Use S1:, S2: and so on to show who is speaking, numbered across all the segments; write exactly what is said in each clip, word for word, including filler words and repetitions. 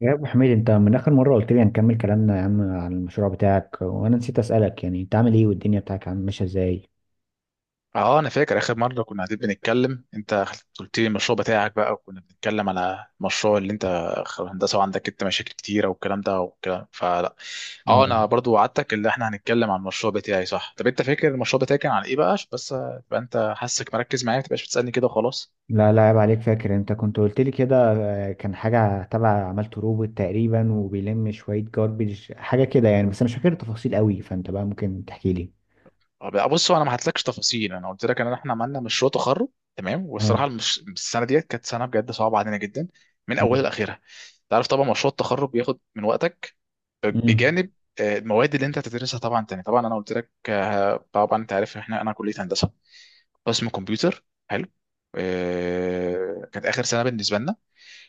S1: يا ابو حميد، انت من اخر مره قلت لي هنكمل كلامنا يا عم عن المشروع بتاعك، وانا نسيت اسالك، يعني انت عامل ايه والدنيا بتاعك عم ماشيه ازاي؟
S2: اه انا فاكر اخر مره كنا قاعدين بنتكلم. انت قلت لي المشروع بتاعك بقى، وكنا بنتكلم على المشروع اللي انت خ- هندسه، وعندك انت مشاكل كتيره والكلام ده والكلام فلا. اه
S1: أو
S2: انا برضو وعدتك اللي احنا هنتكلم عن المشروع بتاعي صح. طب انت فاكر المشروع بتاعي كان عن ايه بقى؟ عشان بس تبقى انت حاسك مركز معايا، ما تبقاش بتسالني كده وخلاص.
S1: لا لا، عيب عليك، فاكر، انت كنت قلت لي كده. آه، كان حاجه تبع عملت روبوت تقريبا وبيلم شويه جاربيج حاجه كده يعني، بس انا مش فاكر التفاصيل قوي، فانت بقى ممكن تحكي لي.
S2: اه بقى بص، هو انا ما هتلكش تفاصيل. انا قلت لك ان احنا عملنا مشروع تخرج تمام. والصراحه
S1: اه.
S2: المش... السنه ديت كانت سنه بجد صعبه علينا جدا من اولها لاخرها. تعرف طبعا مشروع التخرج بياخد من وقتك
S1: امم.
S2: بجانب آه، المواد اللي انت هتدرسها طبعا. تاني طبعا انا قلت لك، آه، طبعا انت عارف احنا انا كليه هندسه، قسم كمبيوتر حلو. آه، كانت اخر سنه بالنسبه لنا.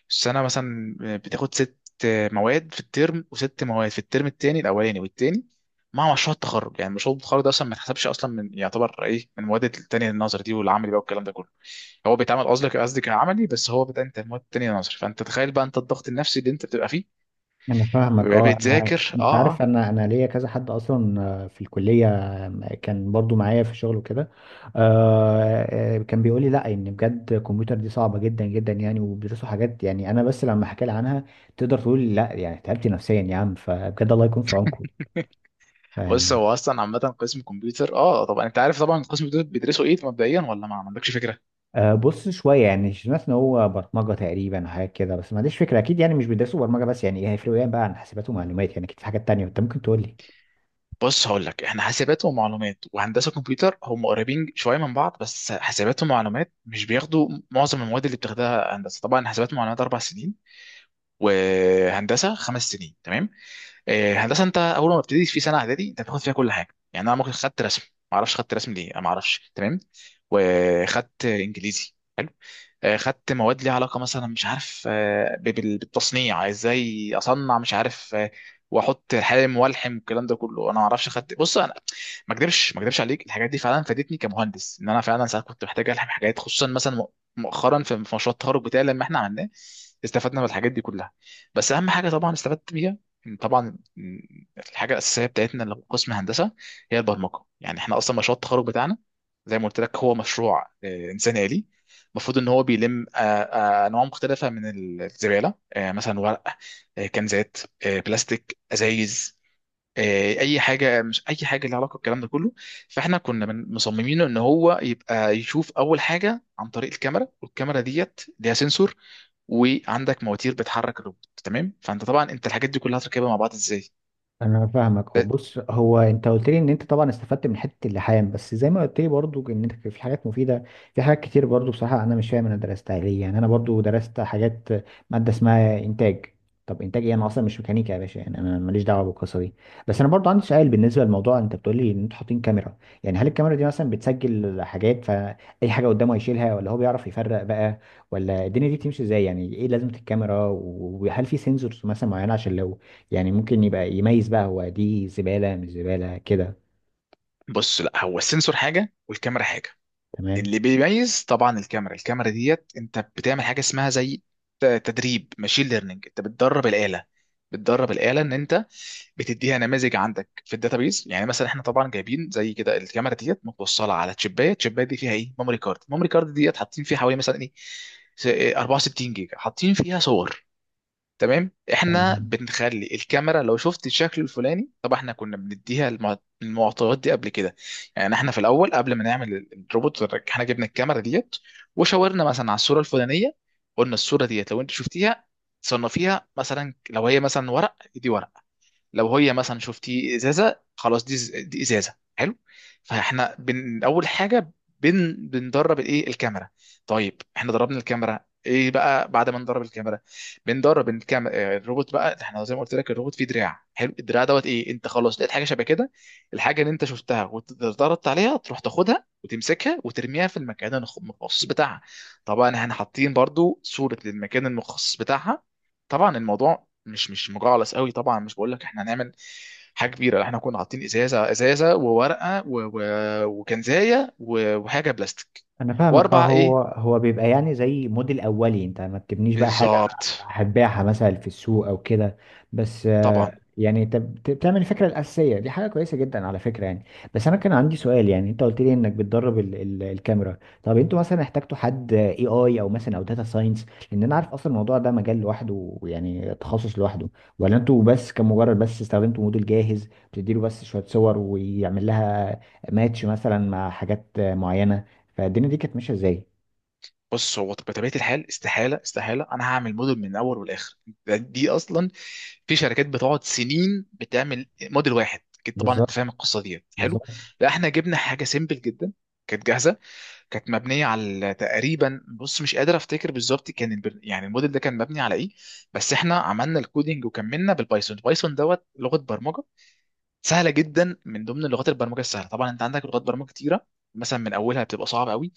S2: السنه مثلا آه، بتاخد ست مواد في الترم، وست مواد في الترم التاني، الاولاني والتاني، مع مشروع التخرج. يعني مشروع التخرج ده اصلا ما يتحسبش اصلا من، يعتبر ايه، من المواد التانية النظري دي والعملي بقى والكلام ده كله. هو بيتعمل قصدك، قصدي كعملي، بس هو بتاع انت المواد التانية النظري. فانت تخيل بقى انت الضغط النفسي اللي انت بتبقى فيه
S1: انا فاهمك.
S2: بتبقى
S1: اه انا،
S2: بتذاكر.
S1: انت
S2: اه
S1: عارف،
S2: اه.
S1: انا انا ليا كذا حد اصلا آه، في الكليه، آه، كان برضو معايا في الشغل وكده. آه، آه، كان بيقول لي لا، ان بجد الكمبيوتر دي صعبه جدا جدا يعني، وبيدرسوا حاجات، يعني انا بس لما احكي لها عنها تقدر تقول لا، يعني تعبت نفسيا يا عم، فبجد الله يكون في عونكم
S2: بص
S1: يعني.
S2: هو اصلا عامه قسم كمبيوتر، اه طبعا انت عارف، طبعا قسم كمبيوتر بيدرسوا ايه مبدئيا، ولا ما ما عندكش فكره؟
S1: آه، بص شويه، يعني سمعت ان هو برمجه تقريبا حاجه كده، بس ما عنديش فكره اكيد، يعني مش بيدرسوا برمجه بس يعني، إيه هيفرقوا ايه بقى عن حاسبات ومعلومات؟ يعني اكيد في حاجات تانية، انت ممكن تقول لي.
S2: بص هقول لك، احنا حاسبات ومعلومات وهندسه كمبيوتر هم قريبين شويه من بعض، بس حاسبات ومعلومات مش بياخدوا معظم المواد اللي بتاخدها هندسه. طبعا حاسبات ومعلومات اربع سنين، وهندسه خمس سنين تمام. آه، هندسه انت اول ما بتبتدي في سنه اعدادي انت بتاخد فيها كل حاجه. يعني انا ممكن خدت رسم، ما اعرفش خدت رسم ليه، انا ما اعرفش تمام. وخدت انجليزي، آه، خدت مواد ليها علاقه مثلا، مش عارف، آه، ب- بال- بالتصنيع ازاي اصنع، مش عارف آه، واحط حالم والحم والكلام ده كله، انا ما اعرفش خدت. بص انا ما اكدبش، ما اكدبش عليك، الحاجات دي فعلا فادتني كمهندس، ان انا فعلا ساعات كنت محتاج الحم حاجات، خصوصا مثلا مؤ- مؤخرا في في مشروع التخرج بتاعي لما احنا عملناه، استفدنا من الحاجات دي كلها. بس اهم حاجه طبعا استفدت بيها، إن طبعا الحاجه الاساسيه بتاعتنا اللي في قسم هندسه هي البرمجه. يعني احنا اصلا مشروع التخرج بتاعنا، زي ما قلت لك، هو مشروع آه، انسان آلي. المفروض ان هو بيلم آه، آه، انواع مختلفه من الزباله، آه، مثلا ورق، آه، كنزات، آه، بلاستيك، ازايز، آه، اي حاجه، مش اي حاجه، ليها علاقه بالكلام ده كله. فاحنا كنا من- مصممين ان هو يبقى يشوف اول حاجه عن طريق الكاميرا، والكاميرا ديت ليها سنسور، وعندك مواتير بتحرك الروبوت تمام. فانت طبعا انت الحاجات دي كلها هتركبها مع بعض ازاي؟
S1: انا فاهمك. هو
S2: ده-
S1: بص، هو انت قلت لي ان انت طبعا استفدت من حته اللحام، بس زي ما قلت لي برضو ان انت في حاجات مفيده، في حاجات كتير برضو، بصراحه انا مش فاهم انا درستها ليه، يعني انا برضو درست حاجات، ماده اسمها انتاج. طب انتاج ايه؟ انا اصلا مش ميكانيكا يا باشا، يعني انا ماليش دعوه بالقصه دي. بس انا برضو عندي سؤال بالنسبه للموضوع، انت بتقول لي ان انتوا حاطين كاميرا، يعني هل الكاميرا دي مثلا بتسجل حاجات؟ فاي حاجه قدامه هيشيلها، ولا هو بيعرف يفرق بقى، ولا الدنيا دي بتمشي ازاي؟ يعني ايه لازمه الكاميرا، وهل في سنسورز مثلا معينه عشان لو يعني ممكن يبقى يميز بقى هو دي زبالة مش زبالة كده؟
S2: بص لا، هو السنسور حاجه والكاميرا حاجه.
S1: تمام.
S2: اللي بيميز طبعا الكاميرا، الكاميرا ديت انت بتعمل حاجه اسمها زي ت- تدريب ماشين ليرنينج. انت بتدرب الاله، بتدرب الاله ان انت بتديها نماذج عندك في الداتابيز. يعني مثلا احنا طبعا جايبين زي كده الكاميرا ديت متوصله على تشيبايه، التشيبايه دي فيها ايه، ميموري كارد، الميموري كارد ديت حاطين فيها حوالي مثلا ايه، س- إيه، 64 جيجا، حاطين فيها صور تمام. احنا
S1: تمام.
S2: بنخلي الكاميرا لو شفت الشكل الفلاني، طب احنا كنا بنديها المع- المعطيات دي قبل كده. يعني احنا في الاول قبل ما نعمل ال- الروبوت احنا جبنا الكاميرا ديت، وشاورنا مثلا على الصوره الفلانيه، قلنا الصوره ديت لو انت شفتيها صنفيها، مثلا لو هي مثلا ورق دي ورق، لو هي مثلا شفتي ازازه خلاص دي ز- دي ازازه حلو. فاحنا بن اول حاجه بن بندرب الايه، الكاميرا. طيب احنا دربنا الكاميرا، ايه بقى بعد ما ندرب الكاميرا؟ بندرب الكاميرا آه، الروبوت بقى. احنا زي ما قلت لك الروبوت فيه دراع حلو، الدراع دوت ايه، انت خلاص لقيت حاجه شبه كده، الحاجه اللي انت شفتها واتدربت عليها، تروح تاخدها وتمسكها وترميها في المكان الخ- المخصص بتاعها. طبعا احنا حاطين برضو صوره للمكان المخصص بتاعها. طبعا الموضوع مش مش مجعلص قوي، طبعا مش بقول لك احنا هنعمل حاجه كبيره، لا، احنا كنا حاطين ازازه ازازه وورقه و... و... وكنزايه و... وحاجه بلاستيك.
S1: انا فاهمك. اه،
S2: واربع
S1: هو
S2: ايه،
S1: هو بيبقى يعني زي موديل اولي، انت ما بتبنيش بقى حاجه
S2: بالظبط.
S1: هتبيعها مثلا في السوق او كده، بس آه،
S2: طبعا
S1: يعني انت بت- بتعمل الفكره الاساسيه دي حاجه كويسه جدا على فكره يعني. بس انا كان عندي سؤال، يعني انت قلت لي انك بتدرب ال ال الكاميرا، طب انتوا مثلا احتجتوا حد اي اي او مثلا او داتا ساينس؟ لان انا عارف اصلا الموضوع ده مجال لوحده، يعني تخصص لوحده. ولا انتوا بس، كمجرد بس استخدمتوا موديل جاهز بتديله بس شويه صور ويعمل لها ماتش مثلا مع حاجات معينه؟ فالدنيا دي كانت ماشيه ازاي؟
S2: بص، هو بطبيعه الحال استحاله استحاله انا هعمل موديل من الاول والاخر. ده- دي اصلا، في شركات بتقعد سنين بتعمل موديل واحد، اكيد طبعا انت
S1: بالظبط.
S2: فاهم القصه دي حلو.
S1: بالظبط.
S2: لا احنا جبنا حاجه سيمبل جدا، كانت جاهزه، كانت مبنيه على تقريبا، بص مش قادر افتكر بالظبط كان البر... يعني الموديل ده كان مبني على ايه. بس احنا عملنا الكودينج وكملنا بالبايثون، البايثون دوت لغه برمجه سهله جدا من ضمن لغات البرمجه السهله. طبعا انت عندك لغات برمجه كتيره مثلا من اولها بتبقى صعبه قوي،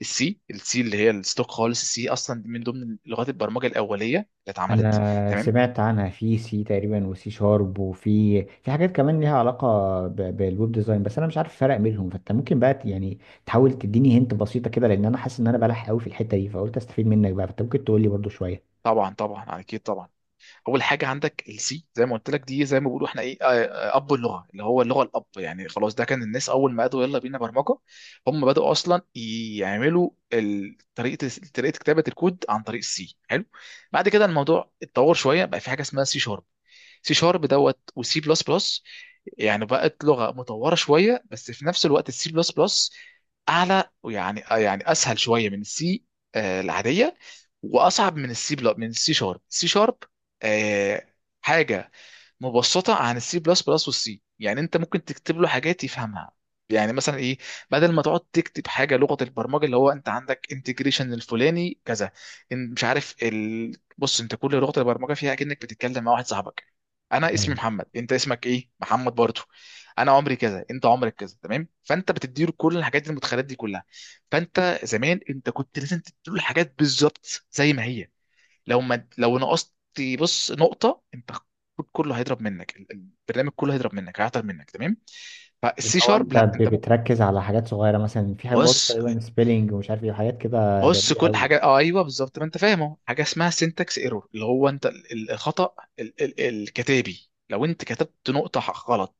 S2: السي. السي اللي هي الستوك خالص، السي اصلا من ضمن لغات البرمجه الاوليه اللي اتعملت
S1: انا
S2: تمام.
S1: سمعت عنها، في سي تقريبا، وسي شارب، وفي في حاجات كمان ليها علاقه ب... بالويب ديزاين، بس انا مش عارف الفرق بينهم، فانت ممكن بقى ت- يعني تحاول تديني هنت بسيطه كده، لان انا حاسس ان انا بلح قوي في الحته دي، فقلت استفيد منك بقى، فانت ممكن تقول لي برضو شويه.
S2: طبعا طبعا اكيد طبعا، اول حاجه عندك السي زي ما قلت لك، دي زي ما بيقولوا احنا ايه، آه، آه، اب، اللغه اللي هو اللغه الاب. يعني خلاص ده كان الناس اول ما قالوا يلا بينا برمجه، هم بداوا اصلا يعملوا ال- طريقه، طريقه كتابه الكود عن طريق السي حلو. بعد كده الموضوع اتطور شويه، بقى في حاجه اسمها سي شارب، سي شارب دوت وسي بلس بلس، يعني بقت لغه مطوره شويه. بس في نفس الوقت السي بلس بلس اعلى، ويعني آه، يعني اسهل شويه من السي آه، العاديه، واصعب من السي بلس، من السي شارب. السي شارب آه، حاجه مبسطه عن السي بلس بلس والسي. يعني انت ممكن تكتب له حاجات يفهمها، يعني مثلا ايه، بدل ما تقعد تكتب حاجه لغه البرمجه، اللي هو انت عندك انتجريشن الفلاني كذا، ان- مش عارف ال... بص انت كل لغه البرمجه فيها كأنك بتتكلم مع واحد صاحبك، انا
S1: آه.
S2: اسمي محمد، انت اسمك ايه، محمد برضه، انا عمري كذا، انت عمرك كذا تمام. فانت بتديله كل الحاجات دي، المدخلات دي كلها. فانت زمان انت كنت لازم تديله الحاجات بالظبط زي ما هي، لو ما لو نقصت بص نقطة، انت الكود كله هيضرب منك، ال- ال- البرنامج كله هيضرب منك، هيعطل منك تمام.
S1: اللي
S2: فالسي
S1: هو
S2: شارب
S1: انت
S2: لا
S1: ب-
S2: انت ممكن.
S1: بتركز على حاجات صغيره، مثلا في حاجات برضو
S2: بص
S1: تقريبا سبيلنج ومش عارف ايه وحاجات كده
S2: بص
S1: دقيقه
S2: كل
S1: قوي.
S2: حاجة، اه ايوه بالظبط، ما انت فاهمه، حاجة اسمها سينتاكس ايرور، اللي هو انت ال- ال- الخطأ ال- ال- الكتابي. لو انت كتبت نقطة ح- غلط،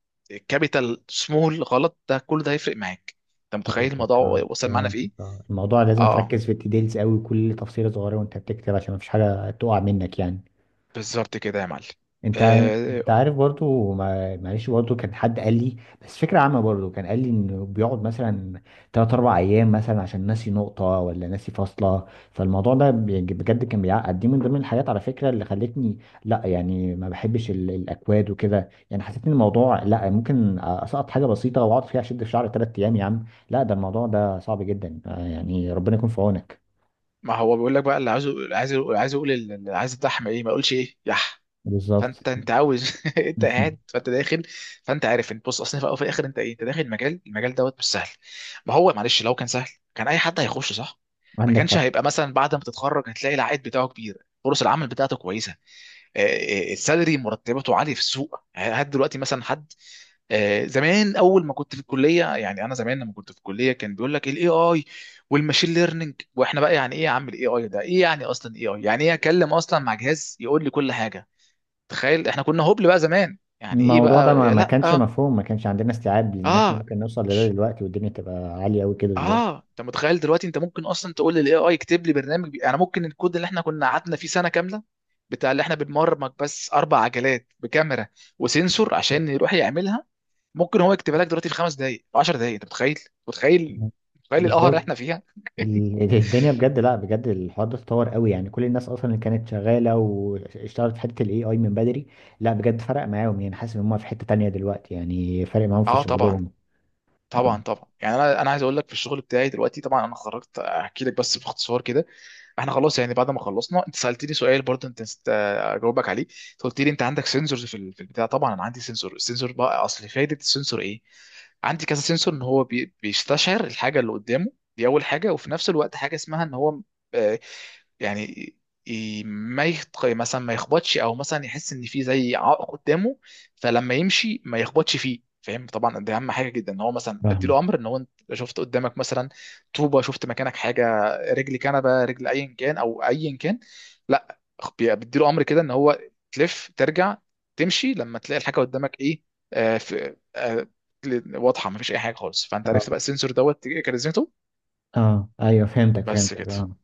S2: كابيتال سمول غلط، ده كل ده هيفرق معاك. انت متخيل
S1: فهمتك.
S2: الموضوع
S1: اه
S2: وصل معانا في
S1: فهمتك.
S2: ايه؟
S1: اه، الموضوع لازم
S2: اه اه
S1: تركز في الديتيلز قوي، كل تفصيلة صغيرة وانت بتكتب عشان مفيش حاجة تقع منك يعني.
S2: بالظبط كده يا معلم.
S1: انت ع-
S2: آه،
S1: انت عارف برضو، مع- معلش، برضو كان حد قال لي، بس فكرة عامة، برضو كان قال لي انه بيقعد مثلا تلات اربع ايام مثلا عشان ناسي نقطة ولا ناسي فاصلة، فالموضوع ده بي- بجد كان بيعقد. دي من ضمن الحاجات على فكرة اللي خلتني لا، يعني ما بحبش ال- الاكواد وكده، يعني حسيت ان الموضوع لا، ممكن اسقط حاجة بسيطة واقعد فيها اشد في شعري تلات ايام يا عم، لا ده الموضوع ده صعب جدا، آه، يعني ربنا يكون في عونك.
S2: ما هو بيقول لك بقى اللي عايزه، عايز يقول- عايز يقول اللي عايز الدحم ايه، ما يقولش ايه يح.
S1: بالظبط.
S2: فانت انت عاوز انت قاعد، فانت داخل. فانت عارف انت، بص اصلا في الاول وفي الاخر انت ايه، انت داخل مجال، المجال دوت مش سهل. ما هو معلش لو كان سهل كان اي حد هيخش صح، ما كانش
S1: عندك
S2: هيبقى مثلا بعد ما تتخرج هتلاقي العائد بتاعه كبير، فرص العمل بتاعته كويسه، آه، آه، السالري، مرتباته عاليه في السوق. هات دلوقتي مثلا حد، آه، زمان اول ما كنت في الكليه، يعني انا زمان لما كنت في الكليه كان بيقول لك الاي اي والماشين ليرنينج، واحنا بقى يعني ايه يا عم الاي اي ده ايه يعني، اصلا اي اي يعني ايه، اكلم اصلا مع جهاز يقول لي كل حاجه؟ تخيل احنا كنا هبل بقى زمان يعني. ايه
S1: الموضوع ده
S2: بقى
S1: ما
S2: يا
S1: ما
S2: لا
S1: كانش
S2: اه
S1: مفهوم، ما كانش عندنا استيعاب، لان احنا
S2: آه،
S1: ممكن نوصل لده دلوقتي والدنيا تبقى عالية قوي كده دلوقتي.
S2: اه انت متخيل دلوقتي انت ممكن اصلا تقول للاي اي يكتب لي برنامج بي... يعني ممكن الكود اللي احنا كنا قعدنا فيه سنه كامله بتاع اللي احنا بنبرمج بس اربع عجلات بكاميرا وسنسور عشان يروح يعملها، ممكن هو يكتبها لك دلوقتي في خمس دقائق، 10 دقائق، انت متخيل؟ متخيل؟ متخيل القهر اللي
S1: بالظبط.
S2: احنا فيها؟
S1: ال- ال- الدنيا بجد، لا بجد الحوار ده اتطور قوي، يعني كل الناس اصلا اللي كانت شغاله واشتغلت في حته الاي اي من بدري، لا بجد فرق معاهم، يعني حاسس ان هم في حته تانية دلوقتي، يعني فرق معاهم في
S2: اه طبعا
S1: شغلهم.
S2: طبعا طبعا. يعني انا انا عايز اقول لك في الشغل بتاعي دلوقتي. طبعا انا خرجت احكي لك بس باختصار كده، احنا خلاص يعني بعد ما خلصنا. انت سالتني سؤال برضه انت نسيت آه، اجاوبك عليه، أنت قلت لي انت عندك سنسورز في ال- في البتاع. طبعا انا عندي سنسور، السنسور بقى اصل فايده السنسور ايه، عندي كذا سنسور، ان هو بي- بيستشعر الحاجه اللي قدامه دي اول حاجه، وفي نفس الوقت حاجه اسمها ان هو آه، يعني ي- ما يخط... مثلا ما يخبطش، او مثلا يحس ان في زي عائق قدامه، فلما يمشي ما يخبطش فيه فاهم. طبعا دي اهم حاجه جدا، ان هو مثلا
S1: فاهمك.
S2: بديله امر ان هو انت شفت قدامك مثلا طوبه، شفت مكانك حاجه، رجل كنبه، رجل ايا كان او ايا كان، لا خ- بي- بديله امر كده ان هو تلف، ترجع، تمشي لما تلاقي الحاجه قدامك ايه آه، في آه، رجل واضحه، ما فيش اي حاجه خالص. فانت عرفت بقى السنسور دوت كاريزمته.
S1: اه ايوه فهمتك.
S2: بس
S1: فهمتك
S2: كده.
S1: اه.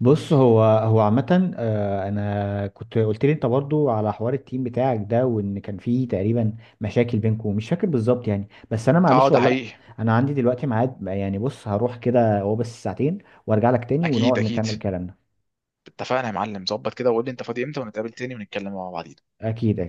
S1: بص، هو هو عامة، آه، انا كنت قلت لي انت برضو على حوار التيم بتاعك ده، وان كان فيه تقريبا مشاكل بينكم، مش فاكر بالظبط يعني، بس انا
S2: اه
S1: معلش
S2: ده
S1: والله
S2: حقيقي.
S1: انا عندي دلوقتي ميعاد يعني، بص هروح كده هو بس ساعتين وارجع لك تاني ونقعد
S2: اكيد اكيد.
S1: نكمل كلامنا.
S2: اتفقنا يا معلم، ظبط كده، وقول لي انت فاضي امتى ونتقابل تاني ونتكلم مع بعض.
S1: اكيد اكيد.